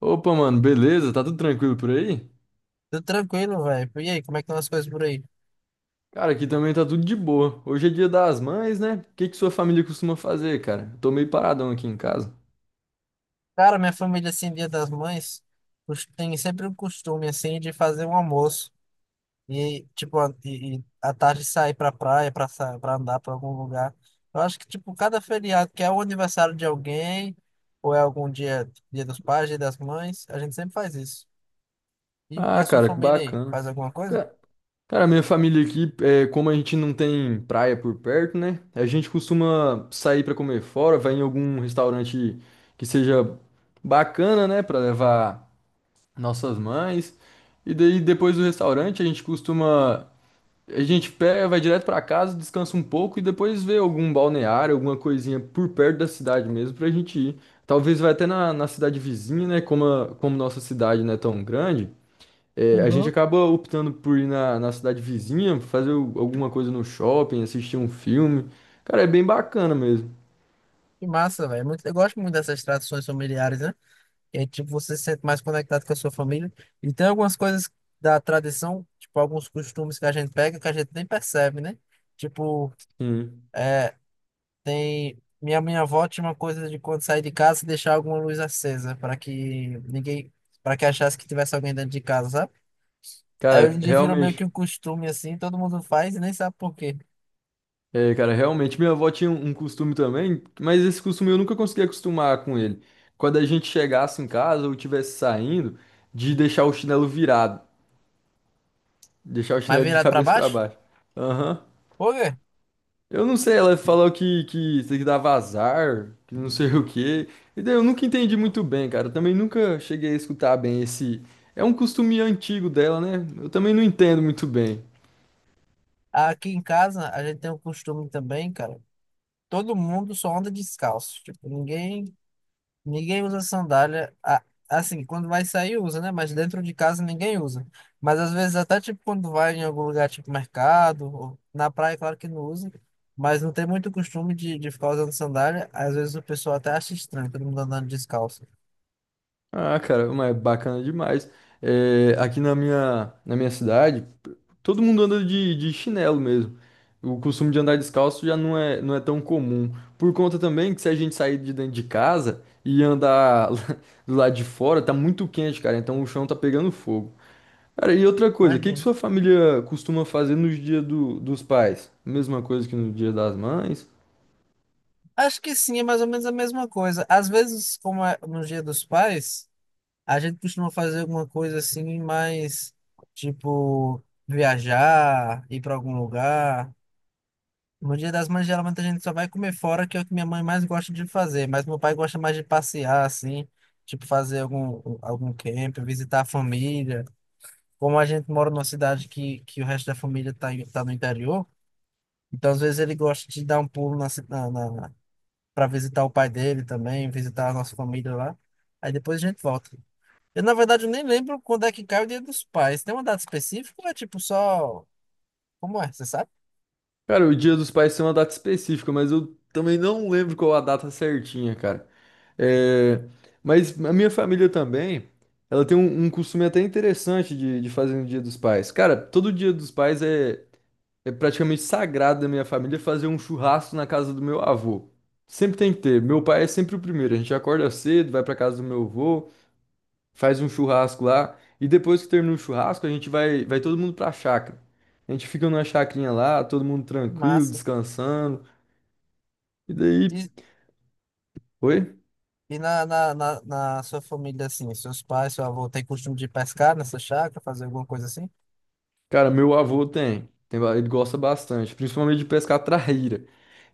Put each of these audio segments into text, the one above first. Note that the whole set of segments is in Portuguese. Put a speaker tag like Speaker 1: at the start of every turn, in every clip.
Speaker 1: Opa, mano, beleza? Tá tudo tranquilo por aí?
Speaker 2: Tudo tranquilo, velho. E aí, como é que estão as coisas por aí?
Speaker 1: Cara, aqui também tá tudo de boa. Hoje é dia das mães, né? O que que sua família costuma fazer, cara? Eu tô meio paradão aqui em casa.
Speaker 2: Cara, minha família, assim, Dia das Mães, tem sempre o costume, assim, de fazer um almoço. E, tipo, e à tarde sair pra praia, pra, pra andar pra algum lugar. Eu acho que, tipo, cada feriado, que é o aniversário de alguém, ou é algum dia, Dia dos Pais, Dia das Mães, a gente sempre faz isso. E
Speaker 1: Ah,
Speaker 2: a sua
Speaker 1: cara, que
Speaker 2: família aí,
Speaker 1: bacana.
Speaker 2: faz alguma coisa?
Speaker 1: Ca- Cara, minha família aqui, é, como a gente não tem praia por perto, né? A gente costuma sair pra comer fora, vai em algum restaurante que seja bacana, né? Pra levar nossas mães. E daí, depois do restaurante, a gente pega, vai direto pra casa, descansa um pouco e depois vê algum balneário, alguma coisinha por perto da cidade mesmo pra gente ir. Talvez vai até na cidade vizinha, né? Como nossa cidade não é tão grande, é, a gente
Speaker 2: Uhum.
Speaker 1: acaba optando por ir na cidade vizinha, alguma coisa no shopping, assistir um filme. Cara, é bem bacana mesmo.
Speaker 2: Que massa, velho. Eu gosto muito dessas tradições familiares, né? E aí, tipo, você se sente mais conectado com a sua família. E tem algumas coisas da tradição, tipo, alguns costumes que a gente pega que a gente nem percebe, né? Tipo,
Speaker 1: Sim.
Speaker 2: tem. Minha avó tinha uma coisa de quando sair de casa deixar alguma luz acesa para que ninguém. Para que achasse que tivesse alguém dentro de casa, sabe? Aí hoje
Speaker 1: Cara,
Speaker 2: em dia virou meio que um
Speaker 1: realmente.
Speaker 2: costume assim, todo mundo faz e nem sabe por quê.
Speaker 1: É, cara, realmente minha avó tinha um costume também, mas esse costume eu nunca consegui acostumar com ele. Quando a gente chegasse em casa ou estivesse saindo, de deixar o chinelo virado, deixar o
Speaker 2: Mas
Speaker 1: chinelo de
Speaker 2: virado para
Speaker 1: cabeça pra
Speaker 2: baixo?
Speaker 1: baixo. Aham.
Speaker 2: Por quê?
Speaker 1: Eu não sei, ela falou que tem que dar vazar, que não sei o quê. E daí eu nunca entendi muito bem, cara. Eu também nunca cheguei a escutar bem esse. É um costume antigo dela, né? Eu também não entendo muito bem.
Speaker 2: Aqui em casa a gente tem um costume também, cara. Todo mundo só anda descalço. Tipo, ninguém usa sandália. Assim, quando vai sair, usa, né? Mas dentro de casa ninguém usa. Mas às vezes, até tipo quando vai em algum lugar, tipo mercado, ou na praia, claro que não usa. Mas não tem muito costume de ficar usando sandália. Às vezes o pessoal até acha estranho, todo mundo andando descalço.
Speaker 1: Ah, cara, mas é bacana demais. É, aqui na minha cidade, todo mundo anda de chinelo mesmo. O costume de andar descalço já não é, não é tão comum. Por conta também que se a gente sair de dentro de casa e andar do lado de fora, tá muito quente, cara. Então o chão tá pegando fogo. Cara, e outra coisa, o que que
Speaker 2: Imagina.
Speaker 1: sua família costuma fazer nos dias dos pais? Mesma coisa que no dia das mães?
Speaker 2: Acho que sim, é mais ou menos a mesma coisa. Às vezes, como é no Dia dos Pais, a gente costuma fazer alguma coisa assim, mais tipo viajar, ir para algum lugar. No Dia das Mães, geralmente a gente só vai comer fora, que é o que minha mãe mais gosta de fazer, mas meu pai gosta mais de passear, assim, tipo fazer algum camp, visitar a família. Como a gente mora numa cidade que o resto da família tá, tá no interior, então às vezes ele gosta de dar um pulo na, para visitar o pai dele também, visitar a nossa família lá. Aí depois a gente volta. Eu, na verdade, eu nem lembro quando é que cai o Dia dos Pais. Tem uma data específica ou é tipo só. Como é? Você sabe?
Speaker 1: Cara, o dia dos pais tem uma data específica, mas eu também não lembro qual a data certinha, cara. É, mas a minha família também, ela tem um costume até interessante de fazer no Dia dos Pais. Cara, todo Dia dos Pais é, é praticamente sagrado da minha família fazer um churrasco na casa do meu avô. Sempre tem que ter. Meu pai é sempre o primeiro. A gente acorda cedo, vai pra casa do meu avô, faz um churrasco lá. E depois que termina o churrasco, a gente vai todo mundo pra chácara. A gente fica numa chacrinha lá, todo mundo tranquilo,
Speaker 2: Massa.
Speaker 1: descansando. E daí.
Speaker 2: E,
Speaker 1: Oi?
Speaker 2: E na sua família, assim, seus pais, seu avô, tem costume de pescar nessa chácara, fazer alguma coisa assim?
Speaker 1: Cara, meu avô ele gosta bastante, principalmente de pescar traíra.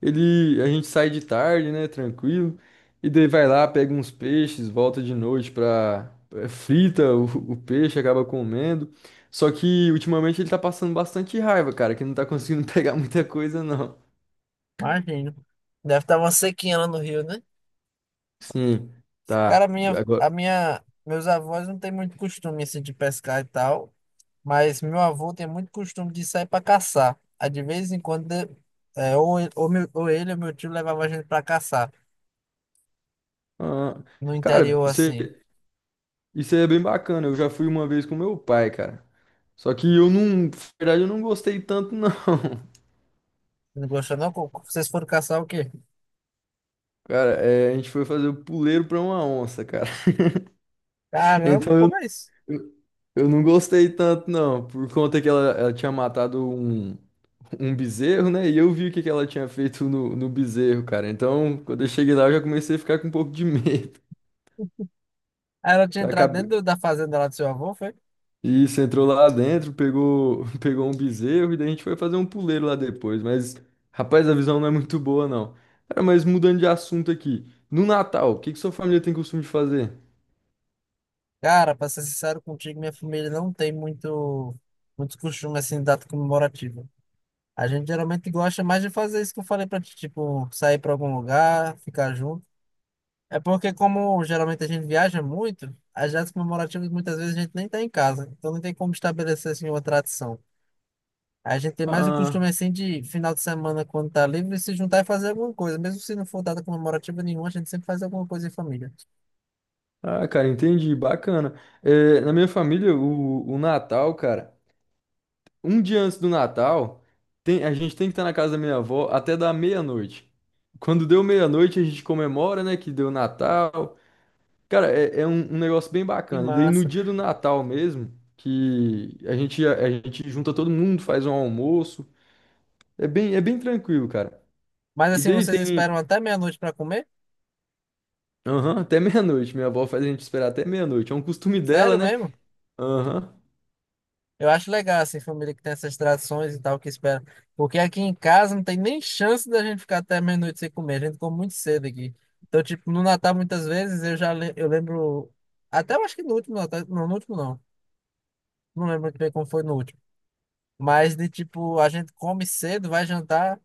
Speaker 1: Ele, a gente sai de tarde, né, tranquilo, e daí vai lá, pega uns peixes, volta de noite pra, frita o peixe, acaba comendo. Só que ultimamente ele tá passando bastante raiva, cara, que não tá conseguindo pegar muita coisa, não.
Speaker 2: Imagino. Deve estar uma sequinha lá no rio, né?
Speaker 1: Sim,
Speaker 2: Cara,
Speaker 1: tá. Agora,
Speaker 2: meus avós não têm muito costume, assim, de pescar e tal, mas meu avô tem muito costume de sair para caçar. Aí, de vez em quando, ou ele ou meu tio levava a gente para caçar,
Speaker 1: ah,
Speaker 2: no
Speaker 1: cara,
Speaker 2: interior, assim.
Speaker 1: isso é bem bacana. Eu já fui uma vez com meu pai, cara. Só que eu não, na verdade, eu não gostei tanto, não.
Speaker 2: Não gostou, não? Vocês foram caçar o quê?
Speaker 1: Cara, é, a gente foi fazer o puleiro pra uma onça, cara.
Speaker 2: Caramba,
Speaker 1: Então eu,
Speaker 2: como é isso?
Speaker 1: eu eu não gostei tanto, não, por conta que ela tinha matado um, um bezerro, né? E eu vi o que, que ela tinha feito no bezerro, cara. Então, quando eu cheguei lá, eu já comecei a ficar com um pouco de medo.
Speaker 2: Aí ela tinha
Speaker 1: Tá,
Speaker 2: entrado
Speaker 1: Acabe-
Speaker 2: dentro da fazenda lá do seu avô, foi?
Speaker 1: Isso, entrou lá dentro, pegou, pegou um bezerro e daí a gente foi fazer um puleiro lá depois. Mas, rapaz, a visão não é muito boa, não. Cara, mas mudando de assunto aqui. No Natal, o que que sua família tem costume de fazer?
Speaker 2: Cara, pra ser sincero contigo, minha família não tem muito, muito costume assim, de data comemorativa. A gente geralmente gosta mais de fazer isso que eu falei pra ti, tipo, sair pra algum lugar, ficar junto. É porque, como geralmente a gente viaja muito, as datas comemorativas muitas vezes a gente nem tá em casa, então não tem como estabelecer assim uma tradição. A gente tem mais o costume
Speaker 1: Ah.
Speaker 2: assim de final de semana, quando tá livre, se juntar e fazer alguma coisa. Mesmo se não for data comemorativa nenhuma, a gente sempre faz alguma coisa em família.
Speaker 1: Ah, cara, entendi, bacana. É, na minha família, o Natal, cara, um dia antes do Natal, a gente tem que estar na casa da minha avó até dar meia-noite. Quando deu meia-noite, a gente comemora, né, que deu Natal. Cara, é, é um negócio bem
Speaker 2: Que
Speaker 1: bacana. E daí no
Speaker 2: massa.
Speaker 1: dia do Natal mesmo, que a gente, a gente junta todo mundo, faz um almoço. É bem tranquilo, cara.
Speaker 2: Mas
Speaker 1: E
Speaker 2: assim,
Speaker 1: daí
Speaker 2: vocês
Speaker 1: tem,
Speaker 2: esperam até meia-noite pra comer?
Speaker 1: aham, até meia-noite. Minha avó faz a gente esperar até meia-noite. É um costume dela,
Speaker 2: Sério
Speaker 1: né?
Speaker 2: mesmo?
Speaker 1: Aham.
Speaker 2: Eu acho legal, assim, família que tem essas tradições e tal, que espera. Porque aqui em casa não tem nem chance da gente ficar até meia-noite sem comer. A gente come muito cedo aqui. Então, tipo, no Natal, muitas vezes, eu lembro. Até eu acho que no último Natal. Não, no último não. Não lembro muito bem como foi no último. Mas de tipo, a gente come cedo, vai jantar,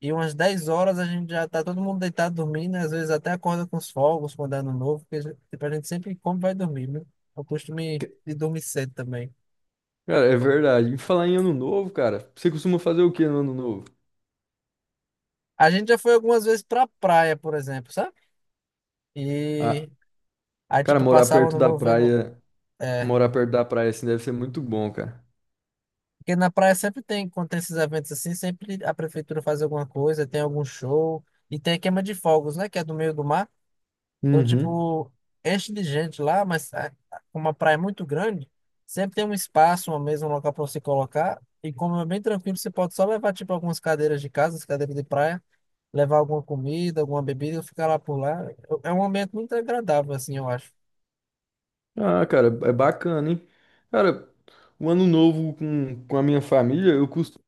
Speaker 2: e umas 10 horas a gente já tá todo mundo deitado dormindo, né? Às vezes até acorda com os fogos quando é ano novo, porque tipo, a gente sempre come e vai dormir, né? Eu costumo de dormir cedo também.
Speaker 1: Cara, é verdade. E falar em ano novo, cara, você costuma fazer o que no ano novo?
Speaker 2: A gente já foi algumas vezes pra praia, por exemplo, sabe?
Speaker 1: Ah,
Speaker 2: E aí,
Speaker 1: cara,
Speaker 2: tipo,
Speaker 1: morar
Speaker 2: passava
Speaker 1: perto
Speaker 2: ano
Speaker 1: da
Speaker 2: novo vendo.
Speaker 1: praia,
Speaker 2: É,
Speaker 1: morar perto da praia assim deve ser muito bom, cara.
Speaker 2: porque na praia sempre tem, quando tem esses eventos assim, sempre a prefeitura faz alguma coisa, tem algum show, e tem a queima de fogos, né? Que é do meio do mar. Então,
Speaker 1: Uhum.
Speaker 2: tipo, enche de gente lá, mas é, como a praia é muito grande, sempre tem um espaço, uma mesa, um local pra você colocar. E como é bem tranquilo, você pode só levar, tipo, algumas cadeiras de casa, as cadeiras de praia, levar alguma comida, alguma bebida, e ficar lá por lá. É um ambiente muito agradável, assim, eu acho.
Speaker 1: Ah, cara, é bacana, hein? Cara, o ano novo com a minha família, eu costumo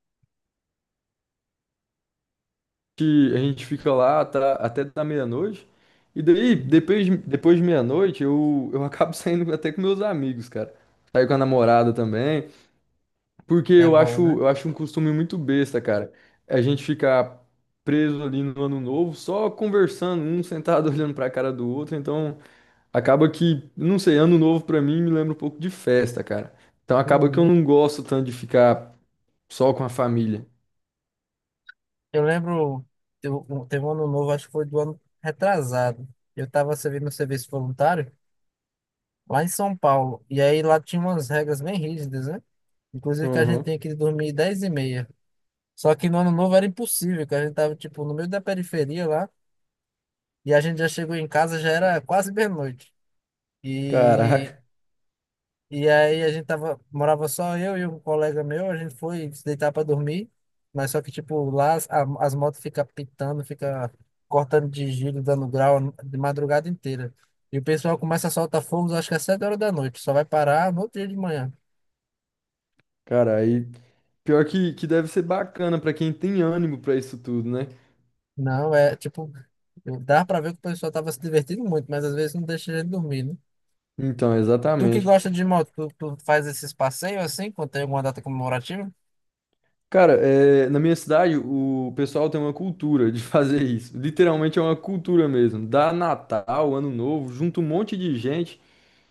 Speaker 1: que a gente fica até da meia-noite. E daí, depois de meia-noite, eu acabo saindo até com meus amigos, cara. Saio com a namorada também. Porque
Speaker 2: É bom, né?
Speaker 1: eu acho um costume muito besta, cara. A gente ficar preso ali no ano novo, só conversando, um sentado olhando pra cara do outro. Então, acaba que, não sei, ano novo pra mim me lembra um pouco de festa, cara. Então, acaba que eu
Speaker 2: Uhum.
Speaker 1: não gosto tanto de ficar só com a família.
Speaker 2: Eu lembro, teve um ano novo, acho que foi do ano retrasado. Eu estava servindo serviço voluntário lá em São Paulo. E aí lá tinha umas regras bem rígidas, né? Inclusive que a gente
Speaker 1: Uhum.
Speaker 2: tinha que dormir 10:30. Só que no ano novo era impossível, que a gente tava, tipo, no meio da periferia lá. E a gente já chegou em casa, já era quase meia-noite. E
Speaker 1: Caraca,
Speaker 2: E aí a gente tava, morava só eu e um colega meu, a gente foi se deitar para dormir, mas só que tipo lá as motos ficam pitando, fica cortando de giro, dando grau de madrugada inteira. E o pessoal começa a soltar fogos, acho que às 7 horas da noite, só vai parar no outro dia de manhã.
Speaker 1: cara, aí pior que deve ser bacana pra quem tem ânimo pra isso tudo, né?
Speaker 2: Não, é tipo, dá para ver que o pessoal tava se divertindo muito, mas às vezes não deixa a gente dormir, né?
Speaker 1: Então,
Speaker 2: Tu que
Speaker 1: exatamente.
Speaker 2: gosta de moto, tu faz esses passeios assim, quando tem alguma data comemorativa?
Speaker 1: Cara, é, na minha cidade o pessoal tem uma cultura de fazer isso. Literalmente é uma cultura mesmo. Dá Natal, Ano Novo, junta um monte de gente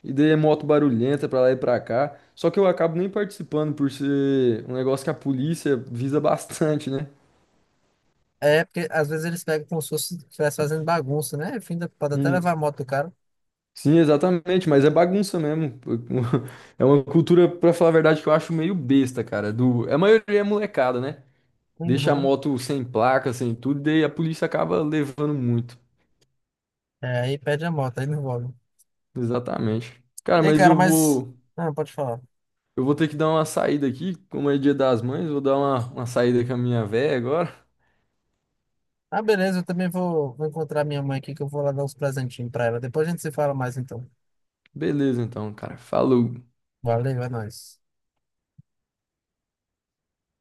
Speaker 1: e daí é moto barulhenta pra lá e pra cá. Só que eu acabo nem participando por ser um negócio que a polícia visa bastante, né?
Speaker 2: É, porque às vezes eles pegam como se fosse estivesse fazendo bagunça, né? Enfim, pode até
Speaker 1: Hum.
Speaker 2: levar a moto do cara.
Speaker 1: Sim, exatamente, mas é bagunça mesmo. É uma cultura, pra falar a verdade, que eu acho meio besta, cara. Do... A maioria é molecada, né? Deixa a
Speaker 2: Uhum.
Speaker 1: moto sem placa, sem tudo, e daí a polícia acaba levando muito.
Speaker 2: É, aí perde a moto, aí não envolve.
Speaker 1: Exatamente. Cara,
Speaker 2: Ei, cara, mas. Não, pode falar.
Speaker 1: eu vou ter que dar uma saída aqui, como é dia das mães, vou dar uma saída com a minha véia agora.
Speaker 2: Ah, beleza, eu também vou encontrar minha mãe aqui, que eu vou lá dar uns presentinhos pra ela. Depois a gente se fala mais então.
Speaker 1: Beleza, então, cara. Falou.
Speaker 2: Valeu, é nóis.